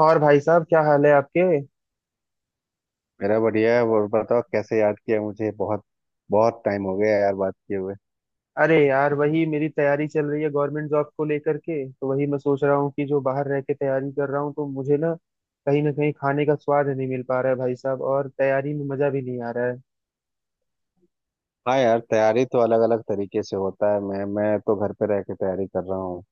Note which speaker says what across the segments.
Speaker 1: और भाई साहब क्या हाल है आपके।
Speaker 2: मेरा बढ़िया है। और बताओ कैसे याद किया मुझे। बहुत बहुत टाइम हो गया यार बात किए हुए।
Speaker 1: अरे यार वही मेरी तैयारी चल रही है गवर्नमेंट जॉब को लेकर के, तो वही मैं सोच रहा हूँ कि जो बाहर रह के तैयारी कर रहा हूँ तो मुझे ना कहीं खाने का स्वाद नहीं मिल पा रहा है भाई साहब, और तैयारी में मजा भी नहीं आ रहा है।
Speaker 2: हाँ यार, तैयारी तो अलग अलग तरीके से होता है। मैं तो घर पे रह के तैयारी कर रहा हूँ।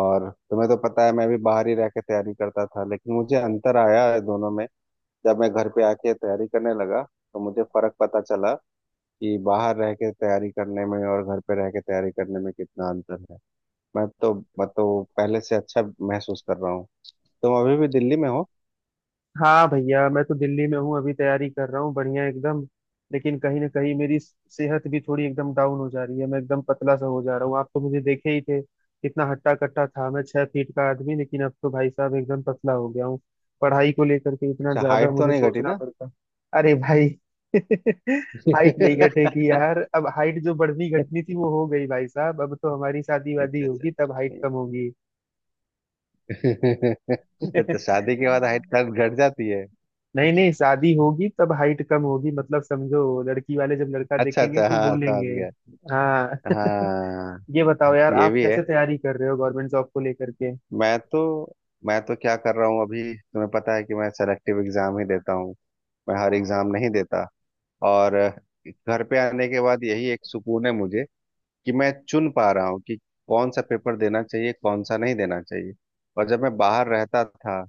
Speaker 2: और तुम्हें तो पता है मैं भी बाहर ही रह के तैयारी करता था, लेकिन मुझे अंतर आया है दोनों में। जब मैं घर पे आके तैयारी करने लगा तो मुझे फर्क पता चला कि बाहर रह के तैयारी करने में और घर पे रह के तैयारी करने में कितना अंतर है। मैं तो मैं तो पहले से अच्छा महसूस कर रहा हूँ। तुम अभी भी दिल्ली में हो?
Speaker 1: हाँ भैया, मैं तो दिल्ली में हूँ, अभी तैयारी कर रहा हूँ, बढ़िया एकदम। लेकिन कहीं ना कहीं मेरी सेहत भी थोड़ी एकदम डाउन हो जा रही है, मैं एकदम पतला सा हो जा रहा हूँ। आप तो मुझे देखे ही थे कितना हट्टा कट्टा था मैं, 6 फीट का आदमी, लेकिन अब तो भाई साहब एकदम पतला हो गया हूँ। पढ़ाई को लेकर के इतना
Speaker 2: अच्छा,
Speaker 1: ज्यादा
Speaker 2: हाइट तो
Speaker 1: मुझे
Speaker 2: नहीं घटी
Speaker 1: सोचना
Speaker 2: ना?
Speaker 1: पड़ता। अरे भाई हाइट नहीं घटेगी यार, अब हाइट जो बढ़नी घटनी थी वो हो गई भाई साहब, अब तो हमारी शादी वादी
Speaker 2: अच्छा अच्छा,
Speaker 1: होगी तब हाइट
Speaker 2: हम्म।
Speaker 1: कम होगी।
Speaker 2: तो शादी के बाद हाइट कट घट जाती है?
Speaker 1: नहीं नहीं, शादी होगी तब हाइट कम होगी मतलब, समझो लड़की वाले जब लड़का
Speaker 2: अच्छा
Speaker 1: देखेंगे
Speaker 2: अच्छा,
Speaker 1: तो
Speaker 2: हाँ समझ
Speaker 1: बोलेंगे।
Speaker 2: गया।
Speaker 1: हाँ।
Speaker 2: हाँ।
Speaker 1: ये बताओ यार,
Speaker 2: ये
Speaker 1: आप
Speaker 2: भी है।
Speaker 1: कैसे तैयारी कर रहे हो गवर्नमेंट जॉब को लेकर के।
Speaker 2: मैं तो मैं तो क्या कर रहा हूँ, अभी तुम्हें पता है कि मैं सेलेक्टिव एग्जाम ही देता हूँ। मैं हर एग्जाम नहीं देता। और घर पे आने के बाद यही एक सुकून है मुझे कि मैं चुन पा रहा हूँ कि कौन सा पेपर देना चाहिए कौन सा नहीं देना चाहिए। और जब मैं बाहर रहता था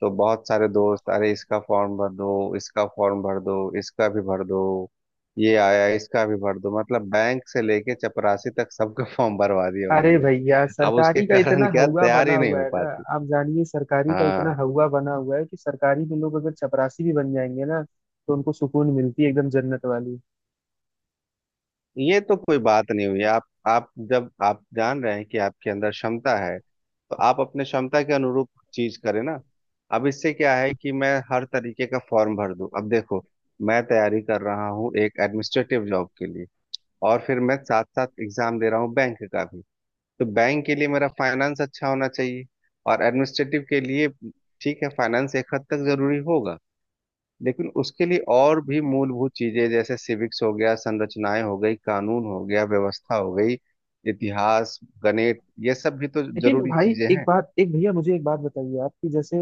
Speaker 2: तो बहुत सारे दोस्त, अरे इसका फॉर्म भर दो, इसका फॉर्म भर दो, इसका भी भर दो, ये आया इसका भी भर दो, मतलब बैंक से लेके चपरासी तक सबका फॉर्म भरवा दिया
Speaker 1: अरे
Speaker 2: उन्होंने।
Speaker 1: भैया,
Speaker 2: अब उसके
Speaker 1: सरकारी का इतना
Speaker 2: कारण क्या
Speaker 1: हवा बना
Speaker 2: तैयारी नहीं
Speaker 1: हुआ
Speaker 2: हो
Speaker 1: है ना।
Speaker 2: पाती।
Speaker 1: आप जानिए सरकारी का इतना
Speaker 2: हाँ।
Speaker 1: हवा बना हुआ है कि सरकारी में लोग अगर चपरासी भी बन जाएंगे ना, तो उनको सुकून मिलती है एकदम जन्नत वाली।
Speaker 2: ये तो कोई बात नहीं हुई। आप जब आप जान रहे हैं कि आपके अंदर क्षमता है तो आप अपने क्षमता के अनुरूप चीज करें ना। अब इससे क्या है कि मैं हर तरीके का फॉर्म भर दूं? अब देखो, मैं तैयारी कर रहा हूँ एक एडमिनिस्ट्रेटिव जॉब के लिए, और फिर मैं साथ साथ एग्जाम दे रहा हूँ बैंक का भी। तो बैंक के लिए मेरा फाइनेंस अच्छा होना चाहिए, और एडमिनिस्ट्रेटिव के लिए ठीक है, फाइनेंस एक हद तक जरूरी होगा, लेकिन उसके लिए और भी मूलभूत चीजें जैसे सिविक्स हो गया, संरचनाएं हो गई, कानून हो गया, व्यवस्था हो गई, इतिहास, गणित, ये सब भी तो
Speaker 1: लेकिन
Speaker 2: जरूरी
Speaker 1: भाई
Speaker 2: चीजें
Speaker 1: एक
Speaker 2: हैं।
Speaker 1: बात एक भैया मुझे एक बात बताइए आप, कि जैसे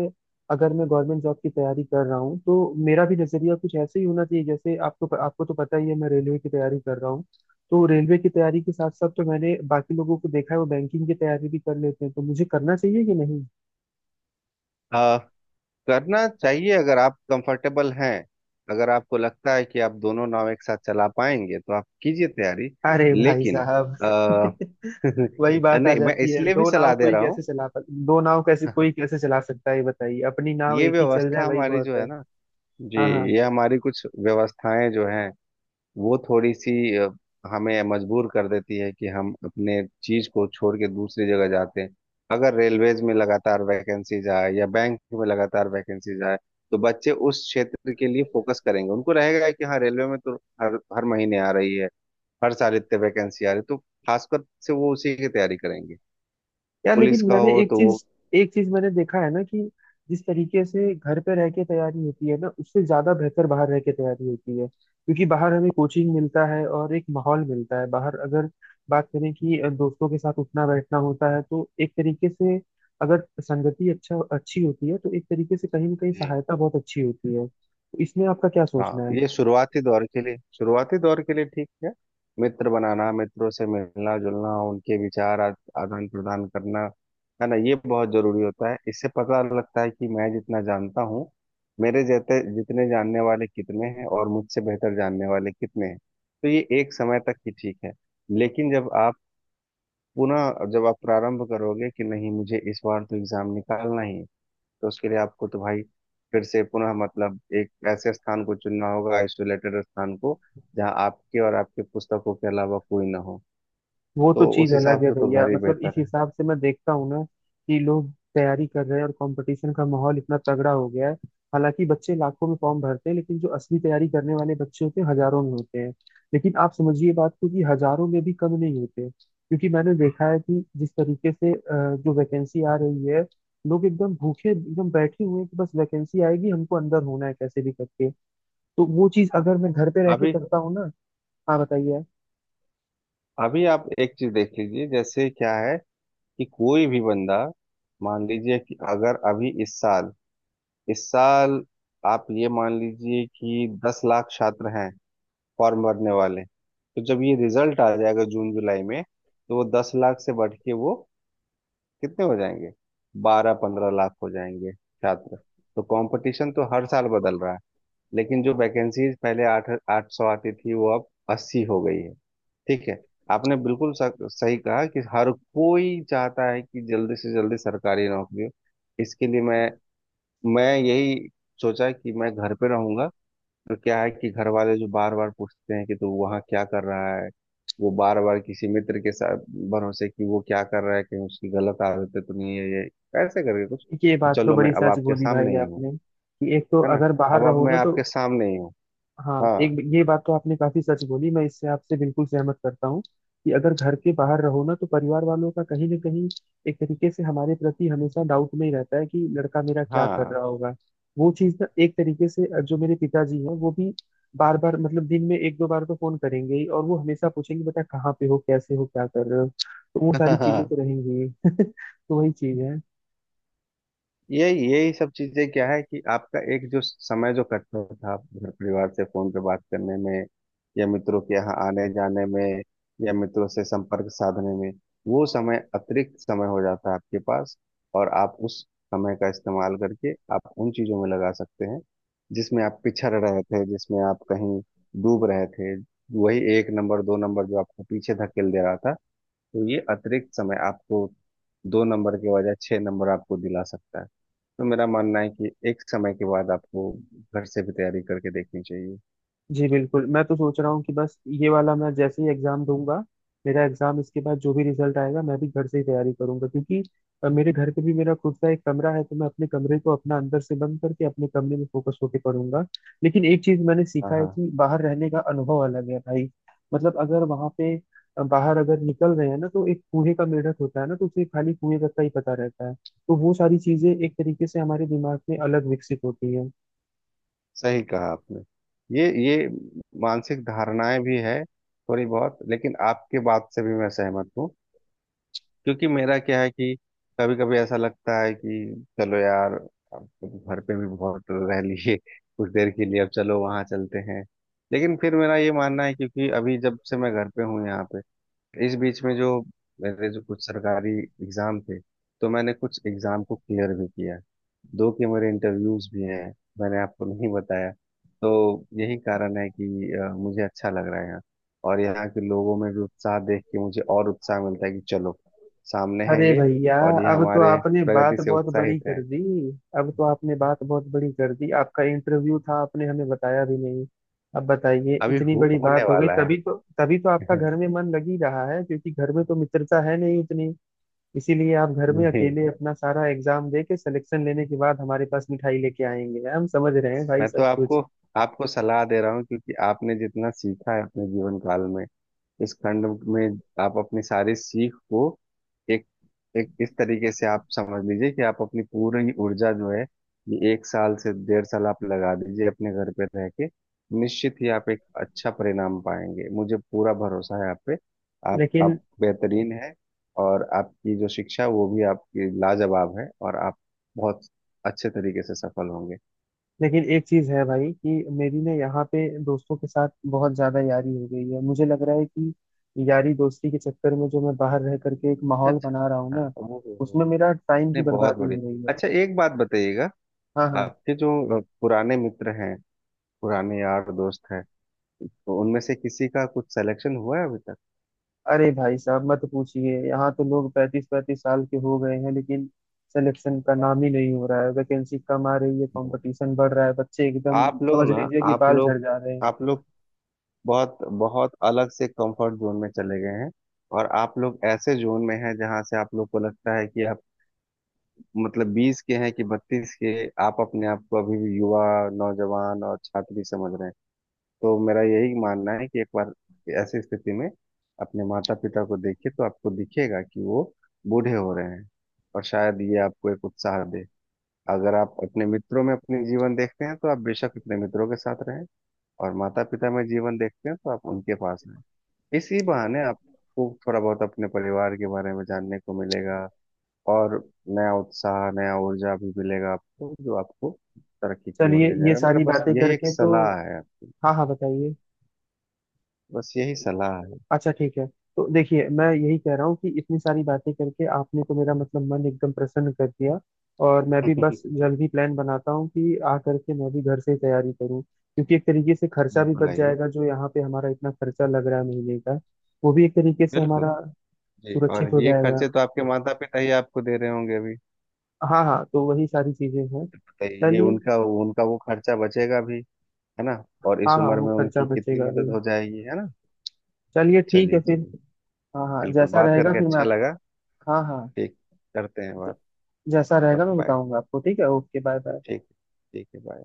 Speaker 1: अगर मैं गवर्नमेंट जॉब की तैयारी कर रहा हूँ, तो मेरा भी नजरिया कुछ ऐसे ही होना चाहिए जैसे आपको, आपको तो पता ही है मैं रेलवे की तैयारी कर रहा हूँ, तो रेलवे की तैयारी के साथ साथ, तो मैंने बाकी लोगों को देखा है वो बैंकिंग की तैयारी भी कर लेते हैं, तो मुझे करना चाहिए कि नहीं।
Speaker 2: आ, करना चाहिए अगर आप कंफर्टेबल हैं। अगर आपको लगता है कि आप दोनों नाव एक साथ चला पाएंगे तो आप कीजिए तैयारी।
Speaker 1: अरे भाई
Speaker 2: लेकिन
Speaker 1: साहब
Speaker 2: आ,
Speaker 1: वही बात आ
Speaker 2: नहीं, मैं
Speaker 1: जाती है,
Speaker 2: इसलिए भी सलाह दे रहा हूँ।
Speaker 1: दो नाव कैसे चला सकता है ये बताइए, अपनी नाव
Speaker 2: ये
Speaker 1: एक ही चल जाए
Speaker 2: व्यवस्था
Speaker 1: वही
Speaker 2: हमारी
Speaker 1: बहुत
Speaker 2: जो है
Speaker 1: है।
Speaker 2: ना। जी।
Speaker 1: हाँ हाँ।
Speaker 2: ये हमारी कुछ व्यवस्थाएं जो हैं वो थोड़ी सी हमें मजबूर कर देती है कि हम अपने चीज को छोड़ के दूसरी जगह जाते हैं। अगर रेलवेज में लगातार वैकेंसीज आए या बैंक में लगातार वैकेंसीज आए तो बच्चे उस क्षेत्र के लिए फोकस करेंगे, उनको रहेगा कि हाँ रेलवे में तो हर हर महीने आ रही है, हर साल इतने वैकेंसी आ रही है, तो खासकर से वो उसी की तैयारी करेंगे।
Speaker 1: यार
Speaker 2: पुलिस
Speaker 1: लेकिन
Speaker 2: का
Speaker 1: मैंने
Speaker 2: हो तो वो।
Speaker 1: एक चीज मैंने देखा है ना, कि जिस तरीके से घर पे रह के तैयारी होती है ना, उससे ज्यादा बेहतर बाहर रह के तैयारी होती है, क्योंकि बाहर हमें कोचिंग मिलता है और एक माहौल मिलता है। बाहर अगर बात करें कि दोस्तों के साथ उठना बैठना होता है तो एक तरीके से, अगर संगति अच्छी होती है तो एक तरीके से कहीं ना कहीं
Speaker 2: जी।
Speaker 1: सहायता बहुत अच्छी होती है, तो इसमें आपका क्या
Speaker 2: हाँ,
Speaker 1: सोचना है।
Speaker 2: ये शुरुआती दौर के लिए, शुरुआती दौर के लिए ठीक है। मित्र बनाना, मित्रों से मिलना जुलना, उनके विचार आदान प्रदान करना, है ना, ये बहुत जरूरी होता है। इससे पता लगता है कि मैं जितना जानता हूँ मेरे जैसे जितने जानने वाले कितने हैं और मुझसे बेहतर जानने वाले कितने हैं। तो ये एक समय तक ही ठीक है। लेकिन जब आप पुनः, जब आप प्रारंभ करोगे कि नहीं मुझे इस बार तो एग्जाम निकालना ही है तो उसके लिए आपको तो भाई फिर से पुनः मतलब एक ऐसे स्थान को चुनना होगा, आइसोलेटेड स्थान को, जहाँ आपके और आपके पुस्तकों के अलावा कोई ना हो।
Speaker 1: वो तो
Speaker 2: तो उस
Speaker 1: चीज अलग
Speaker 2: हिसाब
Speaker 1: है
Speaker 2: से तो
Speaker 1: भैया,
Speaker 2: घर ही
Speaker 1: मतलब इस
Speaker 2: बेहतर है।
Speaker 1: हिसाब से मैं देखता हूँ ना कि लोग तैयारी कर रहे हैं, और कंपटीशन का माहौल इतना तगड़ा हो गया है। हालांकि बच्चे लाखों में फॉर्म भरते हैं, लेकिन जो असली तैयारी करने वाले बच्चे होते हैं हजारों में होते हैं। लेकिन आप समझिए बात को कि हजारों में भी कम नहीं होते, क्योंकि मैंने देखा है कि जिस तरीके से जो वैकेंसी आ रही है, लोग एकदम भूखे एकदम बैठे हुए हैं कि बस वैकेंसी आएगी हमको अंदर होना है कैसे भी करके। तो वो चीज
Speaker 2: हाँ,
Speaker 1: अगर मैं घर पे रह के
Speaker 2: अभी
Speaker 1: करता हूँ ना। हाँ बताइए आप।
Speaker 2: अभी आप एक चीज देख लीजिए जैसे क्या है कि कोई भी बंदा, मान लीजिए कि अगर अभी इस साल आप ये मान लीजिए कि दस लाख छात्र हैं फॉर्म भरने वाले, तो जब ये रिजल्ट आ जाएगा जून जुलाई में तो वो दस लाख से बढ़ के वो कितने हो जाएंगे, बारह पंद्रह लाख हो जाएंगे छात्र। तो कंपटीशन तो हर साल बदल रहा है। लेकिन जो वैकेंसीज पहले आठ आठ सौ आती थी वो अब अस्सी हो गई है। ठीक है, आपने बिल्कुल सही कहा कि हर कोई चाहता है कि जल्दी से जल्दी सरकारी नौकरी हो। इसके लिए मैं यही सोचा कि मैं घर पे रहूंगा। तो क्या है कि घर वाले जो बार बार पूछते हैं कि तू वहाँ क्या कर रहा है, वो बार बार किसी मित्र के साथ भरोसे कि वो क्या कर रहा है, कि उसकी गलत आदतें तो नहीं है, ये कैसे करके कुछ।
Speaker 1: ये बात तो
Speaker 2: चलो, मैं
Speaker 1: बड़ी
Speaker 2: अब
Speaker 1: सच
Speaker 2: आपके
Speaker 1: बोली भाई
Speaker 2: सामने ही हूँ।
Speaker 1: आपने, कि एक तो
Speaker 2: है ना।
Speaker 1: अगर बाहर
Speaker 2: अब
Speaker 1: रहो
Speaker 2: मैं
Speaker 1: ना तो।
Speaker 2: आपके सामने ही हूँ।
Speaker 1: हाँ,
Speaker 2: हाँ
Speaker 1: एक ये बात तो आपने काफी सच बोली, मैं इससे आपसे बिल्कुल सहमत करता हूँ कि अगर घर के बाहर रहो ना तो परिवार वालों का कहीं ना कहीं एक तरीके से हमारे प्रति हमेशा डाउट में ही रहता है कि लड़का मेरा क्या कर
Speaker 2: हाँ।
Speaker 1: रहा होगा। वो चीज ना एक तरीके से, जो मेरे पिताजी हैं वो भी बार बार, मतलब दिन में एक दो बार तो फोन करेंगे ही, और वो हमेशा पूछेंगे बेटा कहाँ पे हो, कैसे हो, क्या कर रहे हो, तो वो सारी चीजें तो रहेंगी ही। तो वही चीज है।
Speaker 2: यही यही सब चीजें क्या है कि आपका एक जो समय जो कटता था घर परिवार से फोन पे बात करने में, या मित्रों के यहाँ आने जाने में, या मित्रों से संपर्क साधने में, वो समय अतिरिक्त समय हो जाता है आपके पास। और आप उस समय का इस्तेमाल करके आप उन चीजों में लगा सकते हैं जिसमें आप पिछड़ रहे थे, जिसमें आप कहीं डूब रहे थे। वही एक नंबर दो नंबर जो आपको पीछे धकेल दे रहा था, तो ये अतिरिक्त समय आपको दो नंबर के बजाय छह नंबर आपको दिला सकता है। तो मेरा मानना है कि एक समय के बाद आपको घर से भी तैयारी करके देखनी चाहिए।
Speaker 1: जी बिल्कुल, मैं तो सोच रहा हूँ कि बस ये वाला मैं जैसे ही एग्जाम दूंगा, मेरा एग्जाम इसके बाद जो भी रिजल्ट आएगा, मैं भी घर से ही तैयारी करूंगा, क्योंकि मेरे घर पे भी मेरा खुद का एक कमरा है, तो मैं अपने कमरे को अपना अंदर से बंद करके अपने कमरे में फोकस होके पढ़ूंगा। लेकिन एक चीज मैंने
Speaker 2: हाँ
Speaker 1: सीखा है
Speaker 2: हाँ,
Speaker 1: कि बाहर रहने का अनुभव अलग है भाई। मतलब अगर वहां पे बाहर अगर निकल रहे हैं ना, तो एक कुएं का मेढक होता है ना, तो उसे खाली कुएं तक का ही पता रहता है, तो वो सारी चीजें एक तरीके से हमारे दिमाग में अलग विकसित होती है।
Speaker 2: सही कहा आपने। ये मानसिक धारणाएं भी है थोड़ी बहुत, लेकिन आपके बात से भी मैं सहमत हूँ, क्योंकि मेरा क्या है कि कभी कभी ऐसा लगता है कि चलो यार अब तो घर पे भी बहुत रह लिए, कुछ देर के लिए अब चलो वहां चलते हैं। लेकिन फिर मेरा ये मानना है, क्योंकि अभी जब से मैं घर पे हूँ यहाँ, इस बीच में जो मेरे जो कुछ सरकारी एग्जाम थे तो मैंने कुछ एग्जाम को क्लियर भी किया, दो के मेरे इंटरव्यूज भी हैं, मैंने आपको नहीं बताया। तो यही कारण है कि मुझे अच्छा लग रहा है यहाँ। और यहाँ के लोगों में भी उत्साह देख के मुझे और उत्साह मिलता है कि चलो सामने है
Speaker 1: अरे
Speaker 2: ये,
Speaker 1: भैया,
Speaker 2: और ये
Speaker 1: अब तो
Speaker 2: हमारे
Speaker 1: आपने
Speaker 2: प्रगति
Speaker 1: बात
Speaker 2: से
Speaker 1: बहुत बड़ी
Speaker 2: उत्साहित
Speaker 1: कर
Speaker 2: है।
Speaker 1: दी अब तो आपने बात बहुत बड़ी कर दी, आपका इंटरव्यू था आपने हमें बताया भी नहीं। अब बताइए,
Speaker 2: अभी
Speaker 1: इतनी बड़ी
Speaker 2: होने
Speaker 1: बात हो गई,
Speaker 2: वाला है।
Speaker 1: तभी तो आपका घर में मन लग ही रहा है, क्योंकि घर में तो मित्रता है नहीं उतनी। इसीलिए आप घर में
Speaker 2: नहीं,
Speaker 1: अकेले अपना सारा एग्जाम दे के सिलेक्शन लेने के बाद हमारे पास मिठाई लेके आएंगे, हम समझ रहे हैं भाई
Speaker 2: मैं तो
Speaker 1: सब कुछ।
Speaker 2: आपको आपको सलाह दे रहा हूँ, क्योंकि आपने जितना सीखा है अपने जीवन काल में इस खंड में, आप अपनी सारी सीख को एक एक इस तरीके से आप समझ लीजिए कि आप अपनी पूरी ऊर्जा जो है ये एक साल से डेढ़ साल आप लगा दीजिए अपने घर पे रह के। निश्चित ही आप एक अच्छा परिणाम पाएंगे, मुझे पूरा भरोसा है आप पे। आप
Speaker 1: लेकिन
Speaker 2: आप बेहतरीन है। और आपकी जो शिक्षा वो भी आपकी लाजवाब है, और आप बहुत अच्छे तरीके से सफल होंगे।
Speaker 1: लेकिन एक चीज है भाई कि मेरी ना यहाँ पे दोस्तों के साथ बहुत ज्यादा यारी हो गई है, मुझे लग रहा है कि यारी दोस्ती के चक्कर में जो मैं बाहर रह करके एक माहौल
Speaker 2: अच्छा,
Speaker 1: बना रहा हूँ
Speaker 2: हाँ
Speaker 1: ना,
Speaker 2: ओहो हो हो।
Speaker 1: उसमें मेरा टाइम की
Speaker 2: नहीं बहुत
Speaker 1: बर्बादी
Speaker 2: बढ़िया।
Speaker 1: हो रही है।
Speaker 2: अच्छा, एक बात बताइएगा,
Speaker 1: हाँ हाँ।
Speaker 2: आपके जो पुराने मित्र हैं, पुराने यार दोस्त हैं, तो उनमें से किसी का कुछ सिलेक्शन हुआ है अभी तक?
Speaker 1: अरे भाई साहब मत पूछिए, यहाँ तो लोग 35-35 साल के हो गए हैं, लेकिन सिलेक्शन का नाम ही नहीं हो रहा है, वैकेंसी कम आ रही है,
Speaker 2: नहीं।
Speaker 1: कंपटीशन बढ़ रहा है, बच्चे एकदम
Speaker 2: आप लोग
Speaker 1: समझ
Speaker 2: ना
Speaker 1: लीजिए कि बाल झड़ जा रहे हैं।
Speaker 2: आप लोग बहुत बहुत अलग से कंफर्ट जोन में चले गए हैं, और आप लोग ऐसे जोन में हैं जहां से आप लोग को लगता है कि आप मतलब बीस के हैं कि बत्तीस के। आप अपने आप को अभी भी युवा, नौजवान और छात्री समझ रहे हैं। तो मेरा यही मानना है कि एक बार ऐसी स्थिति में अपने माता पिता को देखिए तो आपको दिखेगा कि वो बूढ़े हो रहे हैं, और शायद ये आपको एक उत्साह दे। अगर आप अपने मित्रों में अपने जीवन देखते हैं तो आप बेशक अपने मित्रों के साथ रहें, और माता पिता में जीवन देखते हैं तो आप उनके पास रहें। इसी बहाने आपको थोड़ा बहुत अपने परिवार के बारे में जानने को मिलेगा, और नया उत्साह, नया ऊर्जा भी मिलेगा आपको, जो आपको तरक्की की ओर
Speaker 1: चलिए,
Speaker 2: ले
Speaker 1: ये
Speaker 2: जाएगा। मेरा
Speaker 1: सारी
Speaker 2: बस
Speaker 1: बातें
Speaker 2: यही एक
Speaker 1: करके तो।
Speaker 2: सलाह है आपकी।
Speaker 1: हाँ हाँ बताइए।
Speaker 2: बस यही सलाह है।
Speaker 1: अच्छा ठीक है, तो देखिए मैं यही कह रहा हूँ कि इतनी सारी बातें करके आपने तो मेरा मतलब मन एकदम प्रसन्न कर दिया, और मैं भी बस जल्द ही प्लान बनाता हूँ कि आ करके मैं भी घर से ही तैयारी करूँ, क्योंकि एक तरीके से खर्चा भी
Speaker 2: बिल्कुल
Speaker 1: बच
Speaker 2: आइए।
Speaker 1: जाएगा, जो यहाँ पे हमारा इतना खर्चा लग रहा है महीने का, वो भी एक तरीके से
Speaker 2: बिल्कुल।
Speaker 1: हमारा
Speaker 2: जी, और
Speaker 1: सुरक्षित हो
Speaker 2: ये
Speaker 1: जाएगा।
Speaker 2: खर्चे तो आपके माता पिता ही आपको दे रहे होंगे अभी।
Speaker 1: हाँ हाँ, तो वही सारी चीजें हैं।
Speaker 2: तो ये
Speaker 1: चलिए।
Speaker 2: उनका उनका वो खर्चा बचेगा भी, है ना। और इस
Speaker 1: हाँ हाँ,
Speaker 2: उम्र
Speaker 1: वो
Speaker 2: में
Speaker 1: खर्चा
Speaker 2: उनकी कितनी
Speaker 1: बचेगा भी।
Speaker 2: मदद हो जाएगी, है ना।
Speaker 1: चलिए ठीक है
Speaker 2: चलिए
Speaker 1: फिर।
Speaker 2: चलिए,
Speaker 1: हाँ हाँ,
Speaker 2: बिल्कुल,
Speaker 1: जैसा
Speaker 2: बात
Speaker 1: रहेगा
Speaker 2: करके
Speaker 1: फिर मैं
Speaker 2: अच्छा
Speaker 1: आप।
Speaker 2: लगा।
Speaker 1: हाँ हाँ,
Speaker 2: ठीक, करते हैं बात।
Speaker 1: जैसा रहेगा
Speaker 2: ओके
Speaker 1: मैं
Speaker 2: बाय।
Speaker 1: बताऊंगा आपको, ठीक है, ओके बाय बाय।
Speaker 2: ठीक ठीक है, bye।